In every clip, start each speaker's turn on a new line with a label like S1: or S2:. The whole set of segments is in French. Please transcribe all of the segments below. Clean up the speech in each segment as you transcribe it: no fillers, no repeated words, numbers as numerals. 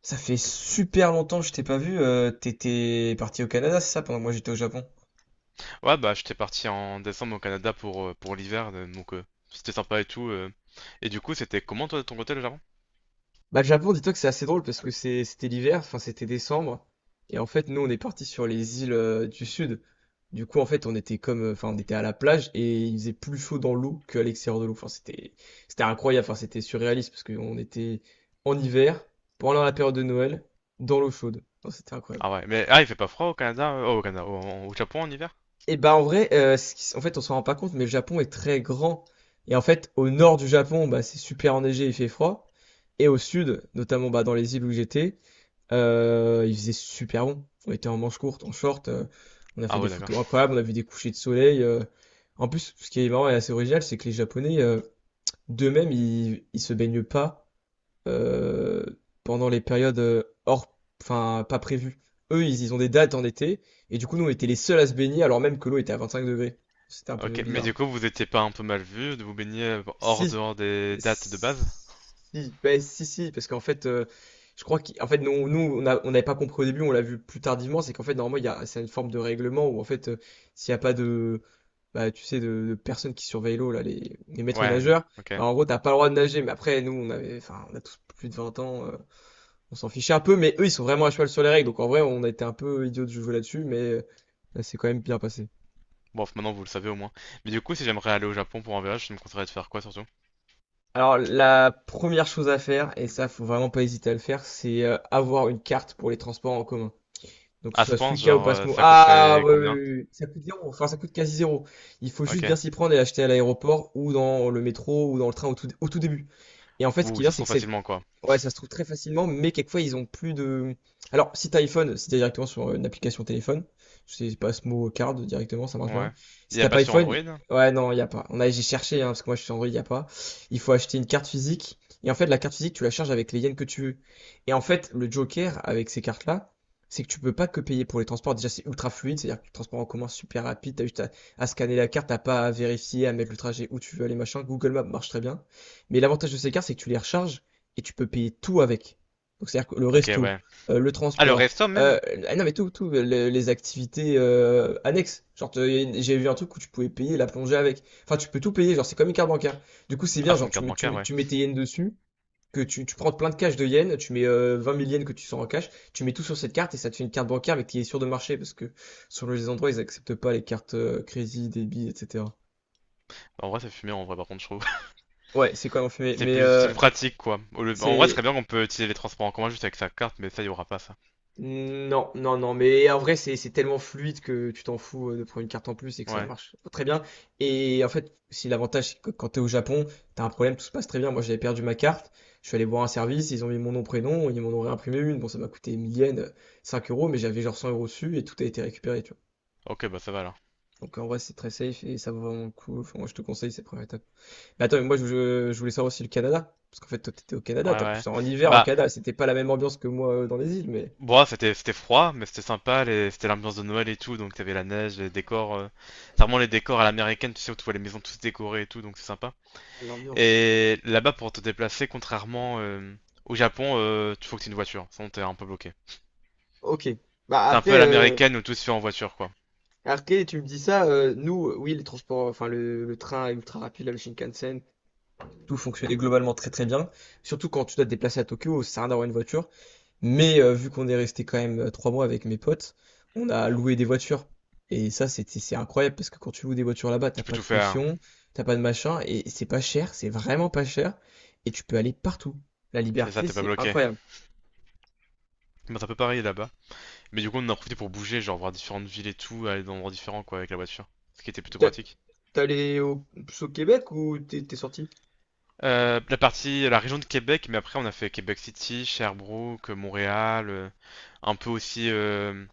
S1: Ça fait super longtemps que je t'ai pas vu. T'étais parti au Canada, c'est ça, pendant que moi j'étais au Japon?
S2: Ouais, bah j'étais parti en décembre au Canada pour l'hiver, c'était sympa et tout. Et du coup, c'était comment toi de ton côté le Japon?
S1: Bah, le Japon, dis-toi que c'est assez drôle parce que c'était l'hiver, enfin c'était décembre, et en fait nous on est parti sur les îles du sud. Du coup en fait on était comme, enfin on était à la plage et il faisait plus chaud dans l'eau qu'à l'extérieur de l'eau. Enfin c'était incroyable, enfin c'était surréaliste parce qu'on était en hiver pendant la période de Noël dans l'eau chaude. Enfin, c'était incroyable.
S2: Ah ouais, mais ah, il fait pas froid au Canada, oh, au Canada, au Japon en hiver?
S1: Et bah en vrai, en fait, on s'en rend pas compte, mais le Japon est très grand. Et en fait, au nord du Japon, bah, c'est super enneigé, il fait froid. Et au sud, notamment bah, dans les îles où j'étais, il faisait super bon. On était en manche courte, en short, on a fait
S2: Ah
S1: des
S2: ouais, d'accord.
S1: photos incroyables, on a vu des couchers de soleil. En plus, ce qui est marrant et assez original, c'est que les Japonais, d'eux-mêmes, ils se baignent pas euh, pendant les périodes enfin, pas prévues. Eux, ils ont des dates en été, et du coup, nous, on était les seuls à se baigner, alors même que l'eau était à 25 degrés. C'était un peu
S2: Ok, mais
S1: bizarre.
S2: du coup, vous étiez pas un peu mal vu de vous baigner hors
S1: Si,
S2: dehors des dates de base?
S1: si, ben, si, si, parce qu'en fait, je crois qu'en fait, on n'avait pas compris au début, on l'a vu plus tardivement, c'est qu'en fait, normalement, c'est une forme de règlement où, en fait, s'il n'y a pas de, bah, tu sais, de personnes qui surveillent l'eau, là, les maîtres
S2: Ouais,
S1: nageurs,
S2: ok.
S1: bah, en gros, t'as pas le droit de nager, mais après, nous, enfin, on a tous plus de 20 ans, on s'en fichait un peu, mais eux, ils sont vraiment à cheval sur les règles. Donc en vrai, on a été un peu idiots de jouer là-dessus, mais là, c'est quand même bien passé.
S2: Bon, maintenant vous le savez au moins. Mais du coup, si j'aimerais aller au Japon pour un voyage, tu me conseillerais de faire quoi surtout?
S1: Alors la première chose à faire, et ça, faut vraiment pas hésiter à le faire, c'est avoir une carte pour les transports en commun. Donc que
S2: À
S1: ce
S2: ce
S1: soit
S2: point,
S1: Suica ou
S2: genre,
S1: Pasmo.
S2: ça
S1: Ah
S2: coûterait
S1: ouais, ouais,
S2: combien?
S1: ouais, ouais. Ça coûte zéro, enfin ça coûte quasi zéro. Il faut juste bien
S2: Ok.
S1: s'y prendre et l'acheter à l'aéroport ou dans le métro ou dans le train au tout début. Et en fait, ce qui
S2: Ouh, ça
S1: vient,
S2: se
S1: c'est
S2: trouve
S1: que cette…
S2: facilement quoi.
S1: Ouais, ça se trouve très facilement, mais quelquefois ils ont plus de… Alors, si t'as iPhone, si t'es directement sur une application téléphone, je sais pas ce mot card directement, ça marche
S2: Ouais.
S1: bien. Si
S2: Il y a
S1: t'as
S2: pas
S1: pas
S2: sur
S1: iPhone,
S2: Android?
S1: ouais, non, il y a pas. J'ai cherché, hein, parce que moi je suis sur Android, il y a pas. Il faut acheter une carte physique, et en fait, la carte physique, tu la charges avec les yens que tu veux. Et en fait, le joker avec ces cartes-là, c'est que tu peux pas que payer pour les transports. Déjà, c'est ultra fluide, c'est-à-dire que le transport en commun c'est super rapide, à scanner la carte, t'as pas à vérifier, à mettre le trajet où tu veux aller, machin. Google Maps marche très bien. Mais l'avantage de ces cartes, c'est que tu les recharges et tu peux payer tout avec. Donc, c'est-à-dire que le
S2: Ok,
S1: resto,
S2: ouais.
S1: le
S2: Ah, le
S1: transport,
S2: resto
S1: euh,
S2: même?
S1: ah non mais tout, tout, les activités annexes. Genre, j'ai vu un truc où tu pouvais payer la plongée avec. Enfin, tu peux tout payer, genre, c'est comme une carte bancaire. Du coup, c'est
S2: Ah,
S1: bien,
S2: c'est
S1: genre,
S2: une carte bancaire, ouais.
S1: tu mets tes yens dessus, que tu prends plein de cash de yens, tu mets 20 000 yens que tu sors en cash, tu mets tout sur cette carte et ça te fait une carte bancaire mais qui est sûre de marcher parce que sur les endroits, ils acceptent pas les cartes crédit, débit, etc.
S2: En vrai, ça fume bien, en vrai, par contre, je trouve.
S1: Ouais, c'est quand même fait.
S2: C'est
S1: Mais
S2: plus, c'est plus pratique, quoi. En vrai, ce serait
S1: c'est
S2: bien qu'on peut utiliser les transports en commun juste avec sa carte, mais ça, il y aura pas ça.
S1: non, non, non, mais en vrai, c'est tellement fluide que tu t'en fous de prendre une carte en plus et que ça
S2: Ouais.
S1: marche très bien. Et en fait, si l'avantage, c'est que quand t'es au Japon, t'as un problème, tout se passe très bien. Moi, j'avais perdu ma carte, je suis allé voir un service, ils ont mis mon nom, prénom, ils m'en ont réimprimé une. Bon, ça m'a coûté 1000 yens, 5 euros, mais j'avais genre 100 euros dessus et tout a été récupéré, tu vois.
S2: Ok, bah ça va alors.
S1: Donc en vrai, c'est très safe et ça vaut vraiment le coup. Enfin, moi, je te conseille ces premières étapes. Mais attends, mais moi, je voulais savoir aussi le Canada. Parce qu'en fait, toi, t'étais au Canada,
S2: Ouais,
S1: t'es en
S2: ouais.
S1: plus en hiver au
S2: Bah,
S1: Canada, c'était pas la même ambiance que moi dans les îles, mais…
S2: bon, c'était froid, mais c'était sympa, c'était l'ambiance de Noël et tout, donc t'avais la neige, les décors. C'est vraiment les décors à l'américaine, tu sais, où tu vois les maisons toutes décorées et tout, donc c'est sympa.
S1: Ah, l'ambiance.
S2: Et là-bas, pour te déplacer, contrairement au Japon, tu faut que t'aies une voiture, sinon t'es un peu bloqué.
S1: Ok. Bah
S2: C'est un peu à
S1: après,
S2: l'américaine où tout se fait en voiture, quoi.
S1: après, tu me dis ça, nous, oui, les transports, enfin le train ultra rapide, là, le Shinkansen, tout fonctionnait globalement très très bien. Surtout quand tu dois te déplacer à Tokyo, ça sert à rien d'avoir une voiture. Mais vu qu'on est resté quand même 3 mois avec mes potes, on a loué des voitures. Et ça, c'est incroyable parce que quand tu loues des voitures là-bas, t'as
S2: Tu peux
S1: pas
S2: tout
S1: de
S2: faire.
S1: caution, t'as pas de machin, et c'est pas cher, c'est vraiment pas cher, et tu peux aller partout. La
S2: C'est ça,
S1: liberté,
S2: t'es pas
S1: c'est
S2: bloqué.
S1: incroyable.
S2: Mais c'est un peu pareil là-bas. Mais du coup, on en a profité pour bouger, genre voir différentes villes et tout, aller dans des endroits différents quoi avec la voiture, ce qui était plutôt
S1: T'as-
S2: pratique.
S1: T'es allé au Québec ou t'es sorti?
S2: La région de Québec, mais après on a fait Québec City, Sherbrooke, Montréal, un peu aussi,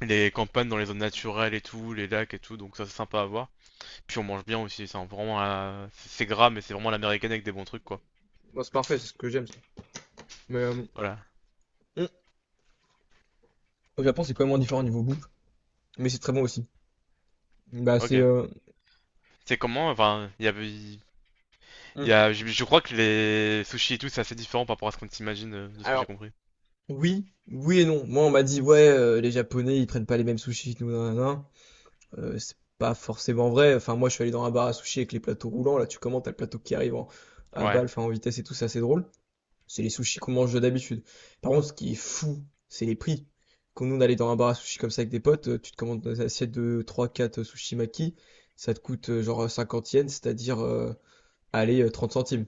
S2: les campagnes dans les zones naturelles et tout, les lacs et tout, donc ça c'est sympa à voir. Puis on mange bien aussi, c'est gras, mais c'est vraiment l'américaine avec des bons trucs quoi.
S1: Moi, c'est parfait, c'est ce que j'aime. Mais
S2: Voilà,
S1: hmm, au Japon, c'est complètement différent niveau bouffe, mais c'est très bon aussi. Bah, c'est.
S2: ok.
S1: euh,
S2: C'est comment, enfin, il
S1: hmm,
S2: y a, je crois que les sushis et tout c'est assez différent par rapport à ce qu'on s'imagine de ce que j'ai
S1: Alors,
S2: compris.
S1: oui, oui et non. Moi, on m'a dit, ouais, les Japonais, ils prennent pas les mêmes sushis que nous, nanana. C'est pas forcément vrai. Enfin, moi, je suis allé dans un bar à sushis avec les plateaux roulants. Là, tu commandes, t'as le plateau qui arrive à
S2: Ouais,
S1: balle, enfin, en vitesse et tout, c'est assez drôle. C'est les sushis qu'on mange d'habitude. Par contre, ce qui est fou, c'est les prix. Quand nous, on allait dans un bar à sushis comme ça avec des potes, tu te commandes des assiettes de trois quatre sushis maki. Ça te coûte genre 50 yens, 30 centimes.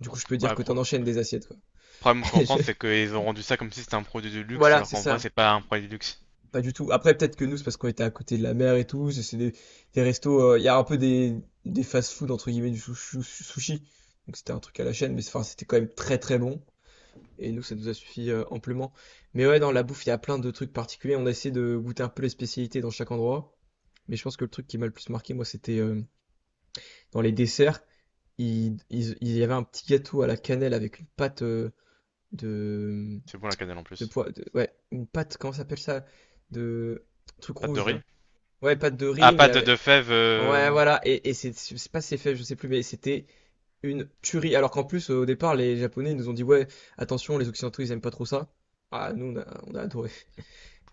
S1: Du coup, je peux dire
S2: ouais,
S1: que t'en
S2: pro-
S1: enchaînes des assiettes, quoi.
S2: Le problème qu'en
S1: Je-
S2: France, c'est qu'ils ont rendu ça comme si c'était un produit de luxe,
S1: Voilà,
S2: alors
S1: c'est
S2: qu'en vrai,
S1: ça.
S2: c'est pas un produit de luxe.
S1: Pas du tout. Après, peut-être que nous, c'est parce qu'on était à côté de la mer et tout. C'est des restos. Il y a un peu des fast-food, entre guillemets, du sushi. Donc, c'était un truc à la chaîne, enfin, c'était quand même très très bon. Et nous, ça nous a suffi amplement. Mais ouais, dans la bouffe, il y a plein de trucs particuliers. On a essayé de goûter un peu les spécialités dans chaque endroit. Mais je pense que le truc qui m'a le plus marqué, moi, c'était dans les desserts. Il y avait un petit gâteau à la cannelle avec une pâte de,
S2: C'est bon la cannelle en plus.
S1: Ouais, une pâte, comment ça s'appelle ça? De truc
S2: Pâte de
S1: rouge
S2: riz?
S1: là. Ouais, pâte de
S2: Ah,
S1: riz, mais
S2: pâte de
S1: avec…
S2: fèves.
S1: Ouais, voilà. Et c'est, je sais pas si c'est fait, je sais plus, mais c'était une tuerie. Alors qu'en plus, au départ, les Japonais nous ont dit, ouais, attention, les Occidentaux, ils aiment pas trop ça. Ah, nous, on a adoré.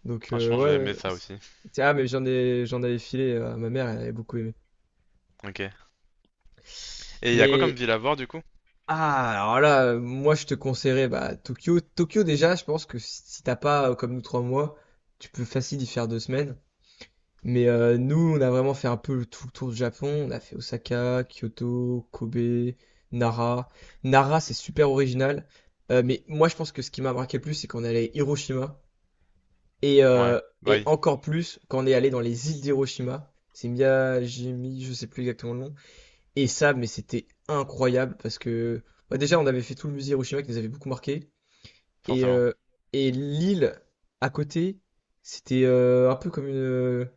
S1: Donc,
S2: Franchement, j'ai aimé
S1: ouais,
S2: ça aussi.
S1: ah, mais j'en avais filé à ma mère, elle avait beaucoup aimé.
S2: Ok. Et il y a quoi comme
S1: Mais,
S2: ville à voir du coup?
S1: ah, alors là, moi, je te conseillerais, bah, Tokyo. Tokyo, déjà, je pense que si t'as pas, comme nous, trois mois, tu peux facile y faire 2 semaines. Mais nous, on a vraiment fait un peu tout le tour du Japon. On a fait Osaka, Kyoto, Kobe, Nara. Nara, c'est super original. Mais moi, je pense que ce qui m'a marqué le plus, c'est qu'on est allé à Hiroshima. Et, euh,
S2: Ouais, bah
S1: et
S2: oui,
S1: encore plus, quand on est allé dans les îles d'Hiroshima. C'est Miyajimi, je sais plus exactement le nom. Et ça, mais c'était incroyable parce que bah, déjà, on avait fait tout le musée Hiroshima qui nous avait beaucoup marqué. Et,
S2: forcément.
S1: euh, et l'île à côté, c'était un peu comme une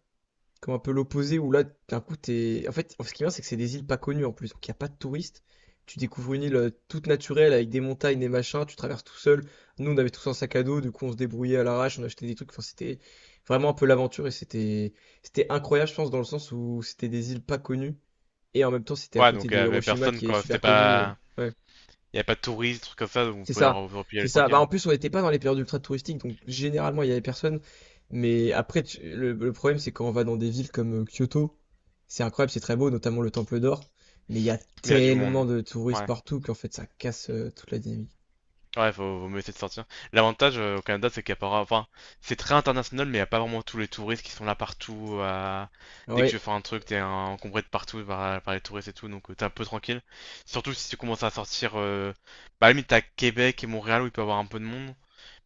S1: comme un peu l'opposé où là d'un coup t'es en fait ce qui est bien c'est que c'est des îles pas connues en plus donc il n'y a pas de touristes tu découvres une île toute naturelle avec des montagnes des machins tu traverses tout seul nous on avait tous un sac à dos du coup on se débrouillait à l'arrache on achetait des trucs enfin c'était vraiment un peu l'aventure et c'était c'était incroyable je pense dans le sens où c'était des îles pas connues et en même temps c'était à
S2: Ouais,
S1: côté
S2: donc il y
S1: de
S2: avait
S1: Hiroshima
S2: personne
S1: qui est
S2: quoi. C'était
S1: super connu
S2: pas.
S1: ouais.
S2: Il y avait pas de touristes, trucs comme ça, donc vous
S1: C'est
S2: pouvez
S1: ça,
S2: vous replier
S1: c'est
S2: aller
S1: ça. Bah,
S2: tranquille.
S1: en plus, on n'était pas dans les périodes ultra touristiques, donc généralement, il y avait personne. Mais après, le problème, c'est quand on va dans des villes comme Kyoto, c'est incroyable, c'est très beau, notamment le Temple d'Or. Mais il y a
S2: Mais il y a du
S1: tellement
S2: monde.
S1: de touristes
S2: Ouais.
S1: partout qu'en fait, ça casse toute la dynamique.
S2: Ouais, faut, vaut mieux essayer de sortir. L'avantage au Canada, c'est qu'il n'y a pas enfin, c'est très international, mais il n'y a pas vraiment tous les touristes qui sont là partout. Dès que
S1: Oui,
S2: tu veux faire un truc, t'es encombré de partout par, par les touristes et tout, donc t'es un peu tranquille. Surtout si tu commences à sortir. Bah, à la limite, t'as Québec et Montréal où il peut y avoir un peu de monde.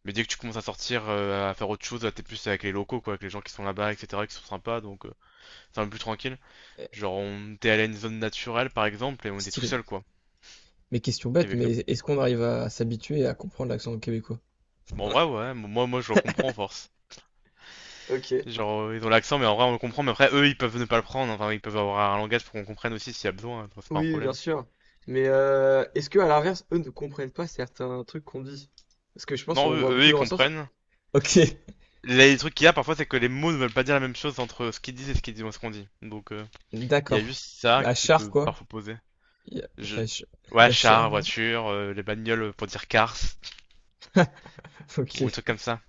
S2: Mais dès que tu commences à sortir, à faire autre chose, t'es plus avec les locaux, quoi, avec les gens qui sont là-bas, etc., qui sont sympas, donc c'est un peu plus tranquille. Genre, on était allé à une zone naturelle, par exemple, et on était tout
S1: stylé.
S2: seul, quoi,
S1: Mais question bête,
S2: avec nous.
S1: mais est-ce qu'on arrive à s'habituer à comprendre l'accent québécois?
S2: Bon, en vrai, ouais, moi, je le comprends, en force.
S1: Ok,
S2: Genre, ils ont l'accent, mais en vrai, on le comprend. Mais après, eux, ils peuvent ne pas le prendre. Enfin, ils peuvent avoir un langage pour qu'on comprenne aussi s'il y a besoin. Donc c'est pas un
S1: oui, bien
S2: problème.
S1: sûr. Mais est-ce que à l'inverse, eux ne comprennent pas certains trucs qu'on dit? Parce que je pense
S2: Non,
S1: qu'on
S2: eux,
S1: voit
S2: eux,
S1: beaucoup
S2: ils
S1: dans la sens.
S2: comprennent.
S1: Ok,
S2: Les trucs qu'il y a parfois, c'est que les mots ne veulent pas dire la même chose entre ce qu'ils disent et ce qu'on dit. Donc, il y a
S1: d'accord.
S2: juste ça
S1: À
S2: qui
S1: Char,
S2: peut
S1: quoi.
S2: parfois poser.
S1: Il y a, il
S2: Je...
S1: y a Ch- il
S2: Ouais,
S1: y a Char,
S2: char,
S1: hein.
S2: voiture, les bagnoles pour dire cars, ou des trucs
S1: Ok.
S2: comme ça.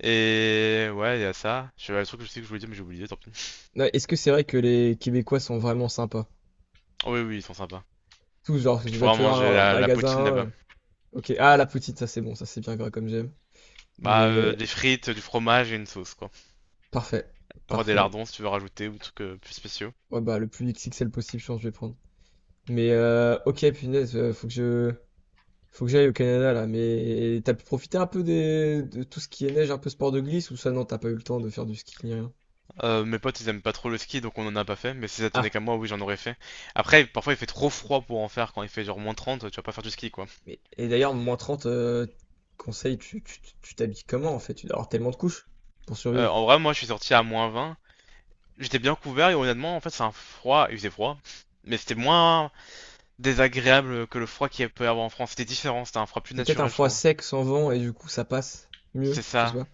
S2: Et ouais, il y a ça. Je Le truc que je sais que je voulais dire, mais j'ai oublié, tant pis.
S1: Non, est-ce que c'est vrai que les Québécois sont vraiment sympas?
S2: Oh, oui, oui, ils sont sympas.
S1: Tout genre,
S2: Puis tu pourras
S1: tu vas dans
S2: manger
S1: un
S2: la poutine
S1: magasin.
S2: là-bas.
S1: Ok. Ah, la poutine, ça c'est bon, ça c'est bien gras comme j'aime.
S2: Bah,
S1: Mais
S2: des frites, du fromage et une sauce, quoi.
S1: parfait.
S2: Parfois des
S1: Parfait.
S2: lardons si tu veux rajouter ou des trucs plus spéciaux.
S1: Ouais, bah, le plus XXL possible, je pense, que je vais prendre. Mais ok, punaise, faut que je… Faut que j'aille au Canada là, mais t'as pu profiter un peu des… de tout ce qui est neige, un peu sport de glisse ou ça non, t'as pas eu le temps de faire du ski ni rien.
S2: Mes potes ils aiment pas trop le ski donc on en a pas fait, mais si ça
S1: Ah,
S2: tenait qu'à moi, oui j'en aurais fait. Après, parfois il fait trop froid pour en faire quand il fait genre -30 tu vas pas faire du ski quoi.
S1: Et d'ailleurs, -30 conseils, tu t'habilles comment en fait? Tu dois avoir tellement de couches pour survivre.
S2: En vrai, moi je suis sorti à -20, j'étais bien couvert et honnêtement, en fait c'est un froid, il faisait froid, mais c'était moins désagréable que le froid qu'il peut y avoir en France, c'était différent, c'était un froid plus
S1: C'est peut-être un
S2: naturel je
S1: froid
S2: trouve.
S1: sec sans vent et du coup ça passe mieux,
S2: C'est
S1: je sais
S2: ça.
S1: pas.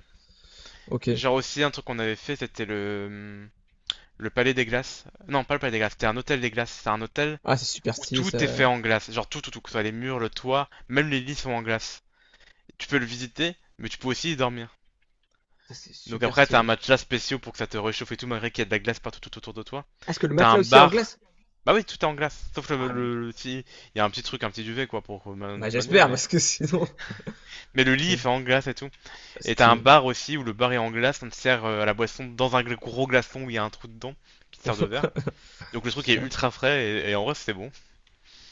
S1: Ok.
S2: Genre aussi un truc qu'on avait fait c'était le. Le palais des glaces. Non, pas le palais des glaces, c'était un hôtel des glaces. C'est un hôtel
S1: Ah, c'est super
S2: où
S1: stylé
S2: tout est
S1: ça.
S2: fait en glace. Genre tout, que ce soit les murs, le toit, même les lits sont en glace. Tu peux le visiter, mais tu peux aussi y dormir.
S1: Ça, c'est
S2: Donc
S1: super
S2: après, t'as un
S1: stylé.
S2: matelas spécial pour que ça te réchauffe et tout, malgré qu'il y a de la glace partout tout autour de toi.
S1: Est-ce que le
S2: T'as un
S1: matelas aussi est en
S2: bar.
S1: glace?
S2: Bah oui, tout est en glace, sauf
S1: Ah, m-
S2: le petit... Il y a un petit truc, un petit duvet, quoi, pour de
S1: bah
S2: toute manière,
S1: j'espère
S2: mais...
S1: parce que sinon.
S2: Mais le lit, il fait
S1: Merde.
S2: en glace et tout.
S1: Ah,
S2: Et t'as un
S1: stylé.
S2: bar aussi, où le bar est en glace, on te sert à la boisson dans un gros glaçon où il y a un trou dedans, qui te sert de verre. Donc le truc est
S1: Putain,
S2: ultra frais, et en vrai, c'était bon.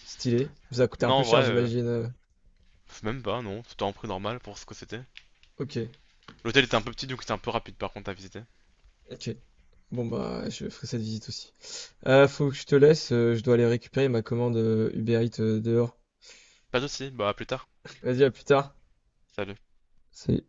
S1: stylé. Ça a coûté un
S2: Non,
S1: peu
S2: en
S1: cher,
S2: vrai,
S1: j'imagine.
S2: même pas, non, c'était un prix normal pour ce que c'était.
S1: Ok,
S2: L'hôtel était un peu petit donc c'était un peu rapide par contre à visiter.
S1: ok. Bon bah je ferai cette visite aussi. Faut que je te laisse, je dois aller récupérer ma commande Uber Eats dehors.
S2: Pas de soucis, bah à plus tard.
S1: Vas-y, à plus tard.
S2: Salut.
S1: C'est